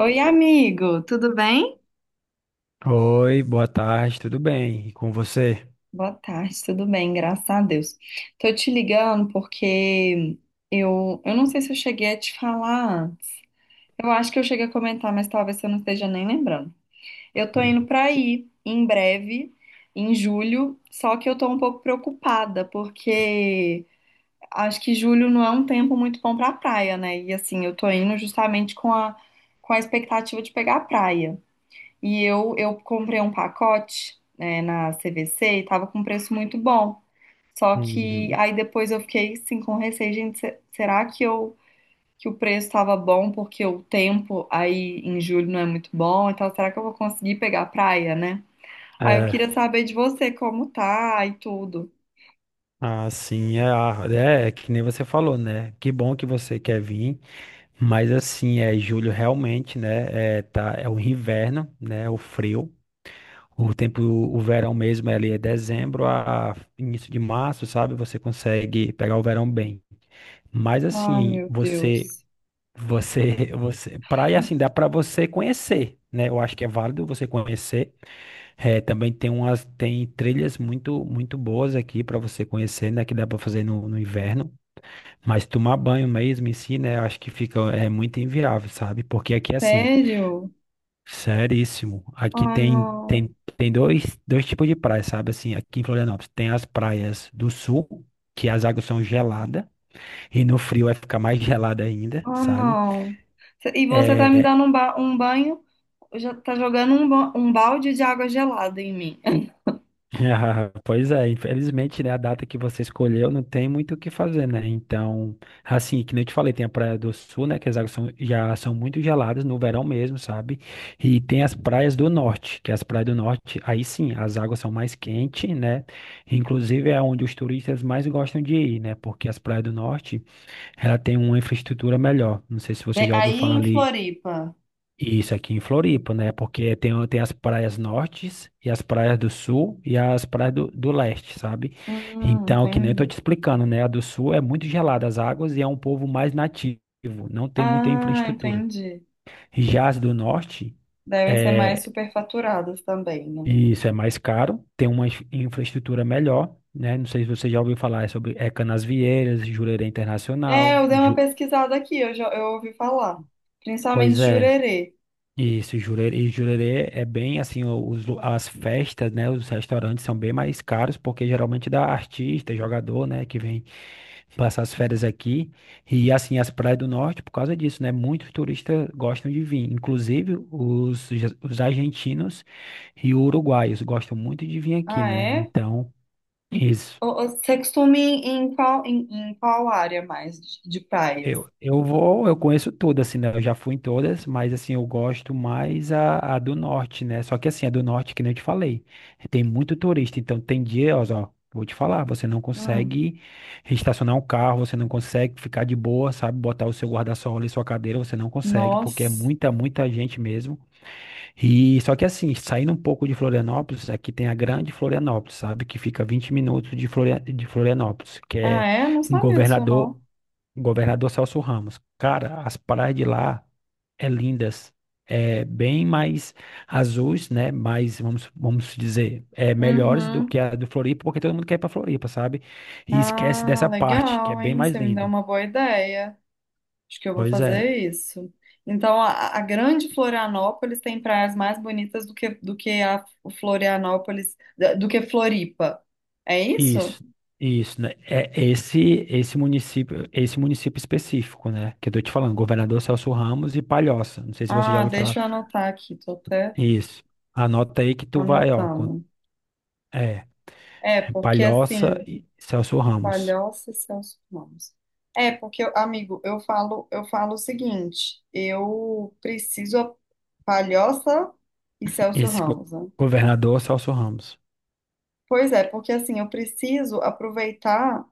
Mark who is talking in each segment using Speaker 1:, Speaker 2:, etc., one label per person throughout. Speaker 1: Oi, amigo, tudo bem?
Speaker 2: Oi, boa tarde, tudo bem? E com você?
Speaker 1: Boa tarde, tudo bem? Graças a Deus. Tô te ligando porque eu não sei se eu cheguei a te falar antes. Eu acho que eu cheguei a comentar, mas talvez você não esteja nem lembrando. Eu tô
Speaker 2: Hum.
Speaker 1: indo pra aí em breve, em julho, só que eu tô um pouco preocupada porque acho que julho não é um tempo muito bom pra praia, né? E assim, eu tô indo justamente com a expectativa de pegar a praia. E eu comprei um pacote, né, na CVC e tava com um preço muito bom. Só que
Speaker 2: Uhum.
Speaker 1: aí depois eu fiquei assim com receio, gente, será que eu que o preço tava bom porque o tempo aí em julho não é muito bom, então será que eu vou conseguir pegar a praia, né? Aí eu
Speaker 2: É,
Speaker 1: queria saber de você como tá e tudo.
Speaker 2: É que nem você falou, né? Que bom que você quer vir, mas assim, é julho realmente, né? É o inverno, né? O frio. O verão mesmo é ali dezembro a início de março, sabe? Você consegue pegar o verão bem. Mas
Speaker 1: Ai,
Speaker 2: assim,
Speaker 1: meu Deus.
Speaker 2: você, praia assim, dá pra você conhecer, né? Eu acho que é válido você conhecer. É, também tem umas, tem trilhas muito boas aqui para você conhecer, né? Que dá para fazer no inverno. Mas tomar banho mesmo em si, né? Acho que fica é muito inviável, sabe? Porque aqui é assim,
Speaker 1: Sério?
Speaker 2: seríssimo. Aqui
Speaker 1: Ah,
Speaker 2: tem
Speaker 1: não.
Speaker 2: tem, tem dois tipos de praia, sabe? Assim, aqui em Florianópolis tem as praias do sul, que as águas são geladas e no frio vai ficar mais gelada ainda,
Speaker 1: Ah,
Speaker 2: sabe?
Speaker 1: não. E você tá me
Speaker 2: É,
Speaker 1: dando um banho. Eu já tá jogando um balde de água gelada em mim.
Speaker 2: ah, pois é, infelizmente, né, a data que você escolheu não tem muito o que fazer, né? Então, assim, que nem eu te falei, tem a Praia do Sul, né, que as águas já são muito geladas no verão mesmo, sabe? E tem as praias do norte, que as praias do norte, aí sim, as águas são mais quentes, né? Inclusive é onde os turistas mais gostam de ir, né? Porque as praias do norte, ela tem uma infraestrutura melhor. Não sei se você
Speaker 1: Né?
Speaker 2: já ouviu
Speaker 1: Aí
Speaker 2: falar
Speaker 1: em
Speaker 2: ali
Speaker 1: Floripa.
Speaker 2: isso aqui em Floripa, né? Porque tem as praias nortes e as praias do sul e as praias do leste, sabe? Então, que nem eu tô te
Speaker 1: Entendi.
Speaker 2: explicando, né? A do sul é muito gelada as águas e é um povo mais nativo, não tem muita
Speaker 1: Ah,
Speaker 2: infraestrutura.
Speaker 1: entendi.
Speaker 2: Já as do norte,
Speaker 1: Devem ser mais
Speaker 2: é,
Speaker 1: superfaturadas também, né?
Speaker 2: isso é mais caro, tem uma infraestrutura melhor, né? Não sei se você já ouviu falar sobre Canasvieiras, Jurerê
Speaker 1: É,
Speaker 2: Internacional.
Speaker 1: eu dei uma pesquisada aqui, eu já eu ouvi falar.
Speaker 2: Pois
Speaker 1: Principalmente
Speaker 2: é.
Speaker 1: Jurerê.
Speaker 2: Isso, Jurerê, e Jurerê é bem assim, as festas, né, os restaurantes são bem mais caros, porque geralmente dá artista, jogador, né, que vem passar as férias aqui, e assim, as praias do norte, por causa disso, né, muitos turistas gostam de vir, inclusive os argentinos e uruguaios gostam muito de vir aqui,
Speaker 1: Ah,
Speaker 2: né,
Speaker 1: é?
Speaker 2: então, isso.
Speaker 1: Você costuma ir em qual, em qual área mais de praias?
Speaker 2: Eu conheço todas, assim, né? Eu já fui em todas, mas assim, eu gosto mais a do norte, né? Só que assim, a do norte, que nem eu te falei, tem muito turista, então tem dias, ó, vou te falar, você não
Speaker 1: Hum,
Speaker 2: consegue estacionar um carro, você não consegue ficar de boa, sabe? Botar o seu guarda-sol ali, sua cadeira, você não consegue, porque é
Speaker 1: nossa.
Speaker 2: muita gente mesmo. E só que assim, saindo um pouco de Florianópolis, aqui tem a Grande Florianópolis, sabe? Que fica 20 minutos de Florianópolis, que
Speaker 1: Ah,
Speaker 2: é
Speaker 1: é? Eu não
Speaker 2: um
Speaker 1: sabia disso, não.
Speaker 2: Governador Celso Ramos. Cara, as praias de lá é lindas. É bem mais azuis, né? Mais, vamos dizer, é melhores do que
Speaker 1: Uhum.
Speaker 2: a do Floripa, porque todo mundo quer ir pra Floripa, sabe? E esquece
Speaker 1: Ah,
Speaker 2: dessa parte, que é
Speaker 1: legal,
Speaker 2: bem
Speaker 1: hein?
Speaker 2: mais
Speaker 1: Você me deu
Speaker 2: lindo.
Speaker 1: uma boa ideia. Acho que eu vou
Speaker 2: Pois é,
Speaker 1: fazer isso. Então, a grande Florianópolis tem praias mais bonitas do que, a Florianópolis, do que Floripa. É isso?
Speaker 2: isso, isso, né? Esse município específico, né? Que eu tô te falando, Governador Celso Ramos e Palhoça. Não sei se você já
Speaker 1: Ah,
Speaker 2: ouviu falar.
Speaker 1: deixa eu anotar aqui, tô até
Speaker 2: Isso. Anota aí que tu vai, ó.
Speaker 1: anotando.
Speaker 2: É,
Speaker 1: É, porque
Speaker 2: Palhoça
Speaker 1: assim,
Speaker 2: e Celso Ramos.
Speaker 1: Palhoça e Celso Ramos. É, porque, amigo, eu falo o seguinte, eu preciso a Palhoça e Celso
Speaker 2: Esse
Speaker 1: Ramos, né?
Speaker 2: governador é Celso Ramos.
Speaker 1: Pois é, porque assim, eu preciso aproveitar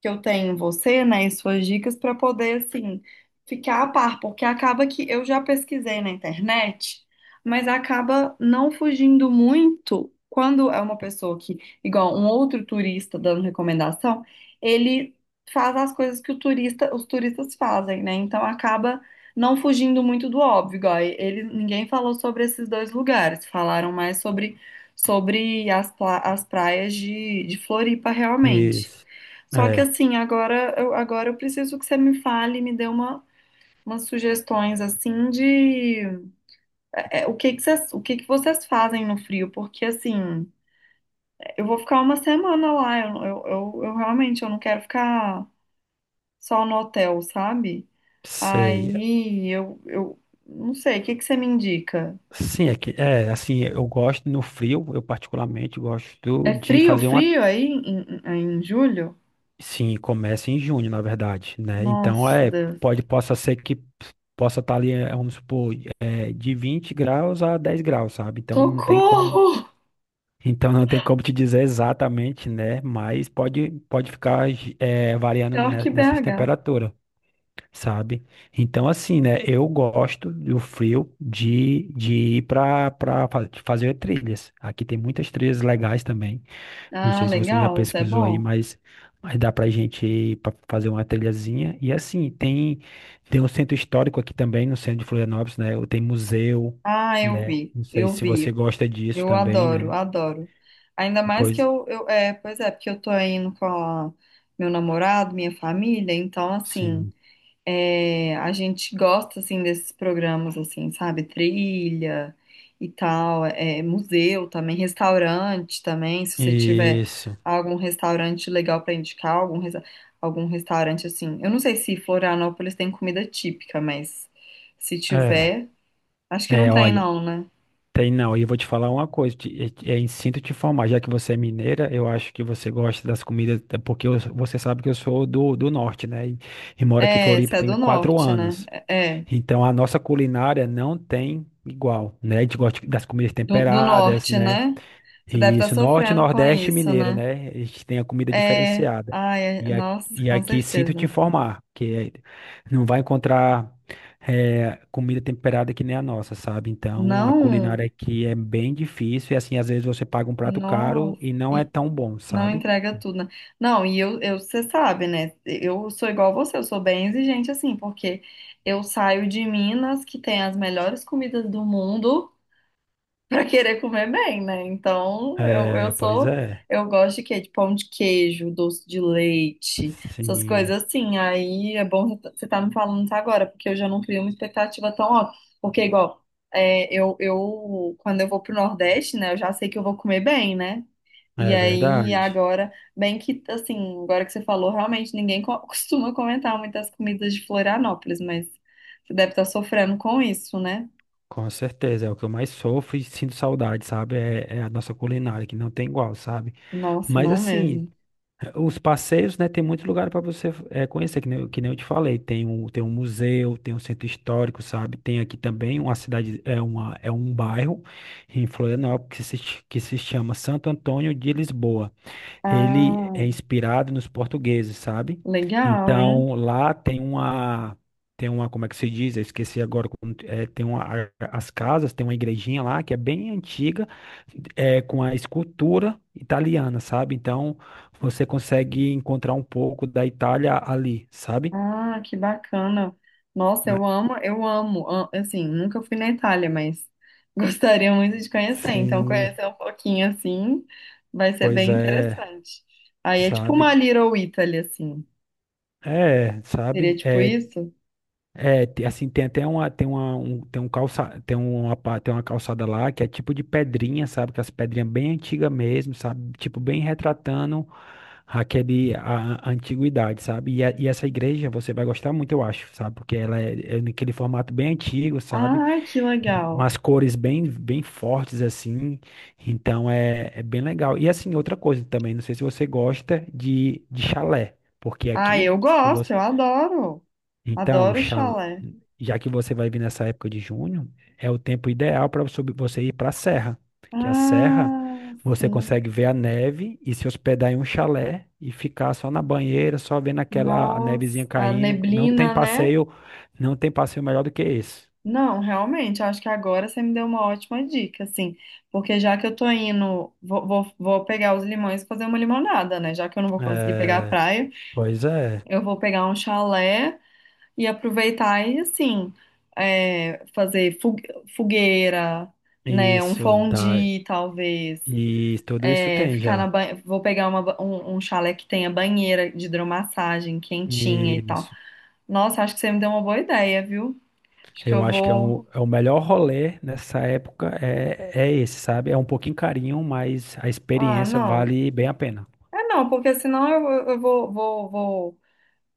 Speaker 1: que eu tenho em você, né, e suas dicas para poder assim ficar a par, porque acaba que eu já pesquisei na internet, mas acaba não fugindo muito quando é uma pessoa que, igual um outro turista dando recomendação, ele faz as coisas que o turista, os turistas fazem, né? Então acaba não fugindo muito do óbvio, igual ele, ninguém falou sobre esses dois lugares, falaram mais sobre as praias de Floripa realmente.
Speaker 2: Isso.
Speaker 1: Só que
Speaker 2: É,
Speaker 1: assim, agora eu preciso que você me fale, me dê umas sugestões assim de o que que vocês fazem no frio, porque assim, eu vou ficar uma semana lá, eu realmente eu não quero ficar só no hotel, sabe?
Speaker 2: sei.
Speaker 1: Aí eu não sei, o que que você me indica?
Speaker 2: Sim, assim, eu gosto no frio, eu particularmente gosto
Speaker 1: É
Speaker 2: de
Speaker 1: frio,
Speaker 2: fazer uma.
Speaker 1: frio aí em julho?
Speaker 2: Sim, começa em junho, na verdade, né? Então,
Speaker 1: Nossa,
Speaker 2: é,
Speaker 1: Deus.
Speaker 2: possa ser que possa estar ali, é, vamos supor, é, de 20 graus a 10 graus, sabe? Então, não tem como.
Speaker 1: Socorro!
Speaker 2: Então, não tem como te dizer exatamente, né? Mas pode ficar, é, variando
Speaker 1: Pior que
Speaker 2: nessas
Speaker 1: BH.
Speaker 2: temperaturas. Sabe? Então, assim, né? Eu gosto do frio de ir para fazer trilhas. Aqui tem muitas trilhas legais também. Não
Speaker 1: Ah,
Speaker 2: sei se você já
Speaker 1: legal, isso é
Speaker 2: pesquisou aí,
Speaker 1: bom.
Speaker 2: mas dá pra gente ir para fazer uma trilhazinha. E assim, tem, tem um centro histórico aqui também, no centro de Florianópolis, né? Tem museu,
Speaker 1: Ah, eu
Speaker 2: né?
Speaker 1: vi,
Speaker 2: Não sei
Speaker 1: eu
Speaker 2: se você
Speaker 1: vi.
Speaker 2: gosta disso
Speaker 1: Eu
Speaker 2: também,
Speaker 1: adoro,
Speaker 2: né?
Speaker 1: adoro. Ainda mais que
Speaker 2: Pois.
Speaker 1: eu pois é, porque eu tô indo meu namorado, minha família, então assim,
Speaker 2: Sim.
Speaker 1: é, a gente gosta assim desses programas assim, sabe? Trilha e tal, museu também, restaurante também, se você tiver
Speaker 2: Isso.
Speaker 1: algum restaurante legal pra indicar, algum restaurante assim. Eu não sei se Florianópolis tem comida típica, mas se
Speaker 2: É,
Speaker 1: tiver, acho que não tem
Speaker 2: olha.
Speaker 1: não, né?
Speaker 2: Tem não, e eu vou te falar uma coisa, é, é instinto te formar. Já que você é mineira, eu acho que você gosta das comidas, até porque você sabe que eu sou do norte, né? E moro aqui em
Speaker 1: É,
Speaker 2: Floripa
Speaker 1: você é
Speaker 2: tem
Speaker 1: do
Speaker 2: quatro
Speaker 1: norte, né?
Speaker 2: anos.
Speaker 1: É, é,
Speaker 2: Então a nossa culinária não tem igual, né? A gente gosta das comidas
Speaker 1: do
Speaker 2: temperadas,
Speaker 1: norte,
Speaker 2: né?
Speaker 1: né? Você deve estar
Speaker 2: Isso, norte,
Speaker 1: sofrendo com
Speaker 2: nordeste e
Speaker 1: isso,
Speaker 2: mineiro,
Speaker 1: né?
Speaker 2: né? A gente tem a comida
Speaker 1: É,
Speaker 2: diferenciada.
Speaker 1: ai,
Speaker 2: E, a-
Speaker 1: nossa,
Speaker 2: e
Speaker 1: com
Speaker 2: aqui sinto te
Speaker 1: certeza.
Speaker 2: informar, que não vai encontrar eh, comida temperada que nem a nossa, sabe? Então a
Speaker 1: Não,
Speaker 2: culinária aqui é bem difícil e assim, às vezes você paga um prato caro
Speaker 1: nossa,
Speaker 2: e não é
Speaker 1: e-
Speaker 2: tão bom,
Speaker 1: não
Speaker 2: sabe?
Speaker 1: entrega tudo, né? Não, e eu, você sabe, né? Eu sou igual a você, eu sou bem exigente assim, porque eu saio de Minas, que tem as melhores comidas do mundo. Para querer comer bem, né? Então, eu
Speaker 2: É, pois
Speaker 1: sou.
Speaker 2: é.
Speaker 1: Eu gosto de quê? De pão de queijo, doce de leite, essas
Speaker 2: Sim,
Speaker 1: coisas assim. Aí é bom você tá me falando isso agora, porque eu já não crio uma expectativa tão alta. Porque, igual, eu, quando eu vou pro Nordeste, né, eu já sei que eu vou comer bem, né? E
Speaker 2: é
Speaker 1: aí,
Speaker 2: verdade.
Speaker 1: agora, bem que, assim, agora que você falou, realmente ninguém costuma comentar muitas comidas de Florianópolis, mas você deve estar sofrendo com isso, né?
Speaker 2: Com certeza, é o que eu mais sofro e sinto saudade, sabe? É, é a nossa culinária, que não tem igual, sabe?
Speaker 1: Nossa,
Speaker 2: Mas
Speaker 1: não
Speaker 2: assim,
Speaker 1: mesmo.
Speaker 2: os passeios, né, tem muito lugar para você eh, conhecer, que nem, que nem eu te falei. Tem um museu, tem um centro histórico, sabe? Tem aqui também uma cidade, é um bairro em Florianópolis que se, ch- que se chama Santo Antônio de Lisboa. Ele
Speaker 1: Ah.
Speaker 2: é inspirado nos portugueses, sabe?
Speaker 1: Legal, hein?
Speaker 2: Então, lá tem uma, como é que se diz? Eu esqueci agora, as casas, tem uma igrejinha lá que é bem antiga, é, com a escultura italiana, sabe? Então, você consegue encontrar um pouco da Itália ali, sabe?
Speaker 1: Ah, que bacana. Nossa,
Speaker 2: Né?
Speaker 1: eu amo, eu amo. Assim, nunca fui na Itália, mas gostaria muito de conhecer.
Speaker 2: Então,
Speaker 1: Então,
Speaker 2: sim,
Speaker 1: conhecer um pouquinho assim vai ser
Speaker 2: pois
Speaker 1: bem
Speaker 2: é,
Speaker 1: interessante. Aí é tipo
Speaker 2: sabe?
Speaker 1: uma Little Italy, assim.
Speaker 2: É,
Speaker 1: Seria
Speaker 2: sabe?
Speaker 1: tipo
Speaker 2: É,
Speaker 1: isso?
Speaker 2: Assim, tem até uma, tem uma, um, tem um calça, tem uma, pa- tem uma calçada lá que é tipo de pedrinha, sabe? Que é as pedrinhas bem antigas mesmo, sabe? Tipo, bem retratando a antiguidade, sabe? E essa igreja você vai gostar muito, eu acho, sabe? Porque é naquele formato bem antigo, sabe?
Speaker 1: Ah, que legal.
Speaker 2: Umas cores bem fortes, assim. Então, é, é bem legal. E assim, outra coisa também, não sei se você gosta de chalé, porque
Speaker 1: Ah,
Speaker 2: aqui,
Speaker 1: eu
Speaker 2: se você
Speaker 1: gosto, eu adoro.
Speaker 2: então, o
Speaker 1: Adoro
Speaker 2: chalé,
Speaker 1: chalé.
Speaker 2: já que você vai vir nessa época de junho, é o tempo ideal para você ir para a serra, que a serra
Speaker 1: Ah,
Speaker 2: você
Speaker 1: sim.
Speaker 2: consegue ver a neve e se hospedar em um chalé e ficar só na banheira, só vendo aquela nevezinha
Speaker 1: Nossa, a
Speaker 2: caindo.
Speaker 1: neblina, né?
Speaker 2: Não tem passeio melhor do que esse.
Speaker 1: Não, realmente, acho que agora você me deu uma ótima dica, assim, porque já que eu tô indo, vou pegar os limões e fazer uma limonada, né? Já que eu não vou conseguir pegar a
Speaker 2: É,
Speaker 1: praia,
Speaker 2: pois é,
Speaker 1: eu vou pegar um chalé e aproveitar e, assim, fazer fogueira, né? Um
Speaker 2: isso dá
Speaker 1: fondue, talvez.
Speaker 2: e tudo isso
Speaker 1: É,
Speaker 2: tem já.
Speaker 1: Vou pegar um chalé que tenha banheira de hidromassagem quentinha e tal. Nossa, acho que você me deu uma boa ideia, viu? Acho que
Speaker 2: Eu
Speaker 1: eu
Speaker 2: acho que
Speaker 1: vou.
Speaker 2: é o melhor rolê nessa época é esse, sabe? É um pouquinho carinho, mas a
Speaker 1: Ah,
Speaker 2: experiência
Speaker 1: não.
Speaker 2: vale bem a pena.
Speaker 1: É não, porque senão eu vou, vou, vou,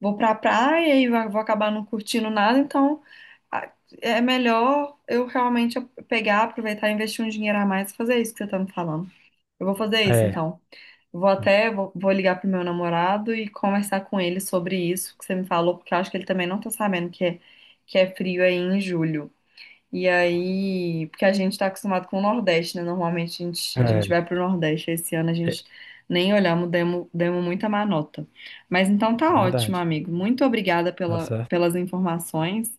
Speaker 1: vou pra praia e vou acabar não curtindo nada, então a- é melhor eu realmente pegar, aproveitar e investir um dinheiro a mais e fazer isso que você tá me falando. Eu vou fazer isso,
Speaker 2: É,
Speaker 1: então. Vou ligar pro meu namorado e conversar com ele sobre isso que você me falou, porque eu acho que ele também não tá sabendo que é, frio aí em julho. E aí, porque a gente está acostumado com o Nordeste, né? Normalmente a gente, a
Speaker 2: é,
Speaker 1: gente vai para o Nordeste. Esse ano a
Speaker 2: é
Speaker 1: gente nem olhamos, demos muita má nota. Mas então tá ótimo,
Speaker 2: verdade.
Speaker 1: amigo. Muito obrigada
Speaker 2: Tá certo.
Speaker 1: pelas informações,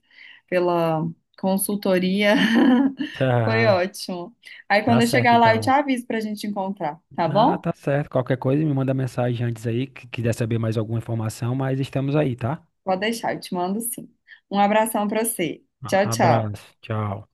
Speaker 1: pela consultoria. Foi
Speaker 2: Ah,
Speaker 1: ótimo. Aí
Speaker 2: tá
Speaker 1: quando eu
Speaker 2: certo,
Speaker 1: chegar lá, eu te
Speaker 2: então.
Speaker 1: aviso para a gente encontrar, tá
Speaker 2: Ah,
Speaker 1: bom?
Speaker 2: tá certo. Qualquer coisa, me manda mensagem antes aí, que quiser saber mais alguma informação, mas estamos aí, tá?
Speaker 1: Pode deixar, eu te mando sim. Um abração para você. Tchau, tchau.
Speaker 2: Abraço. Tchau.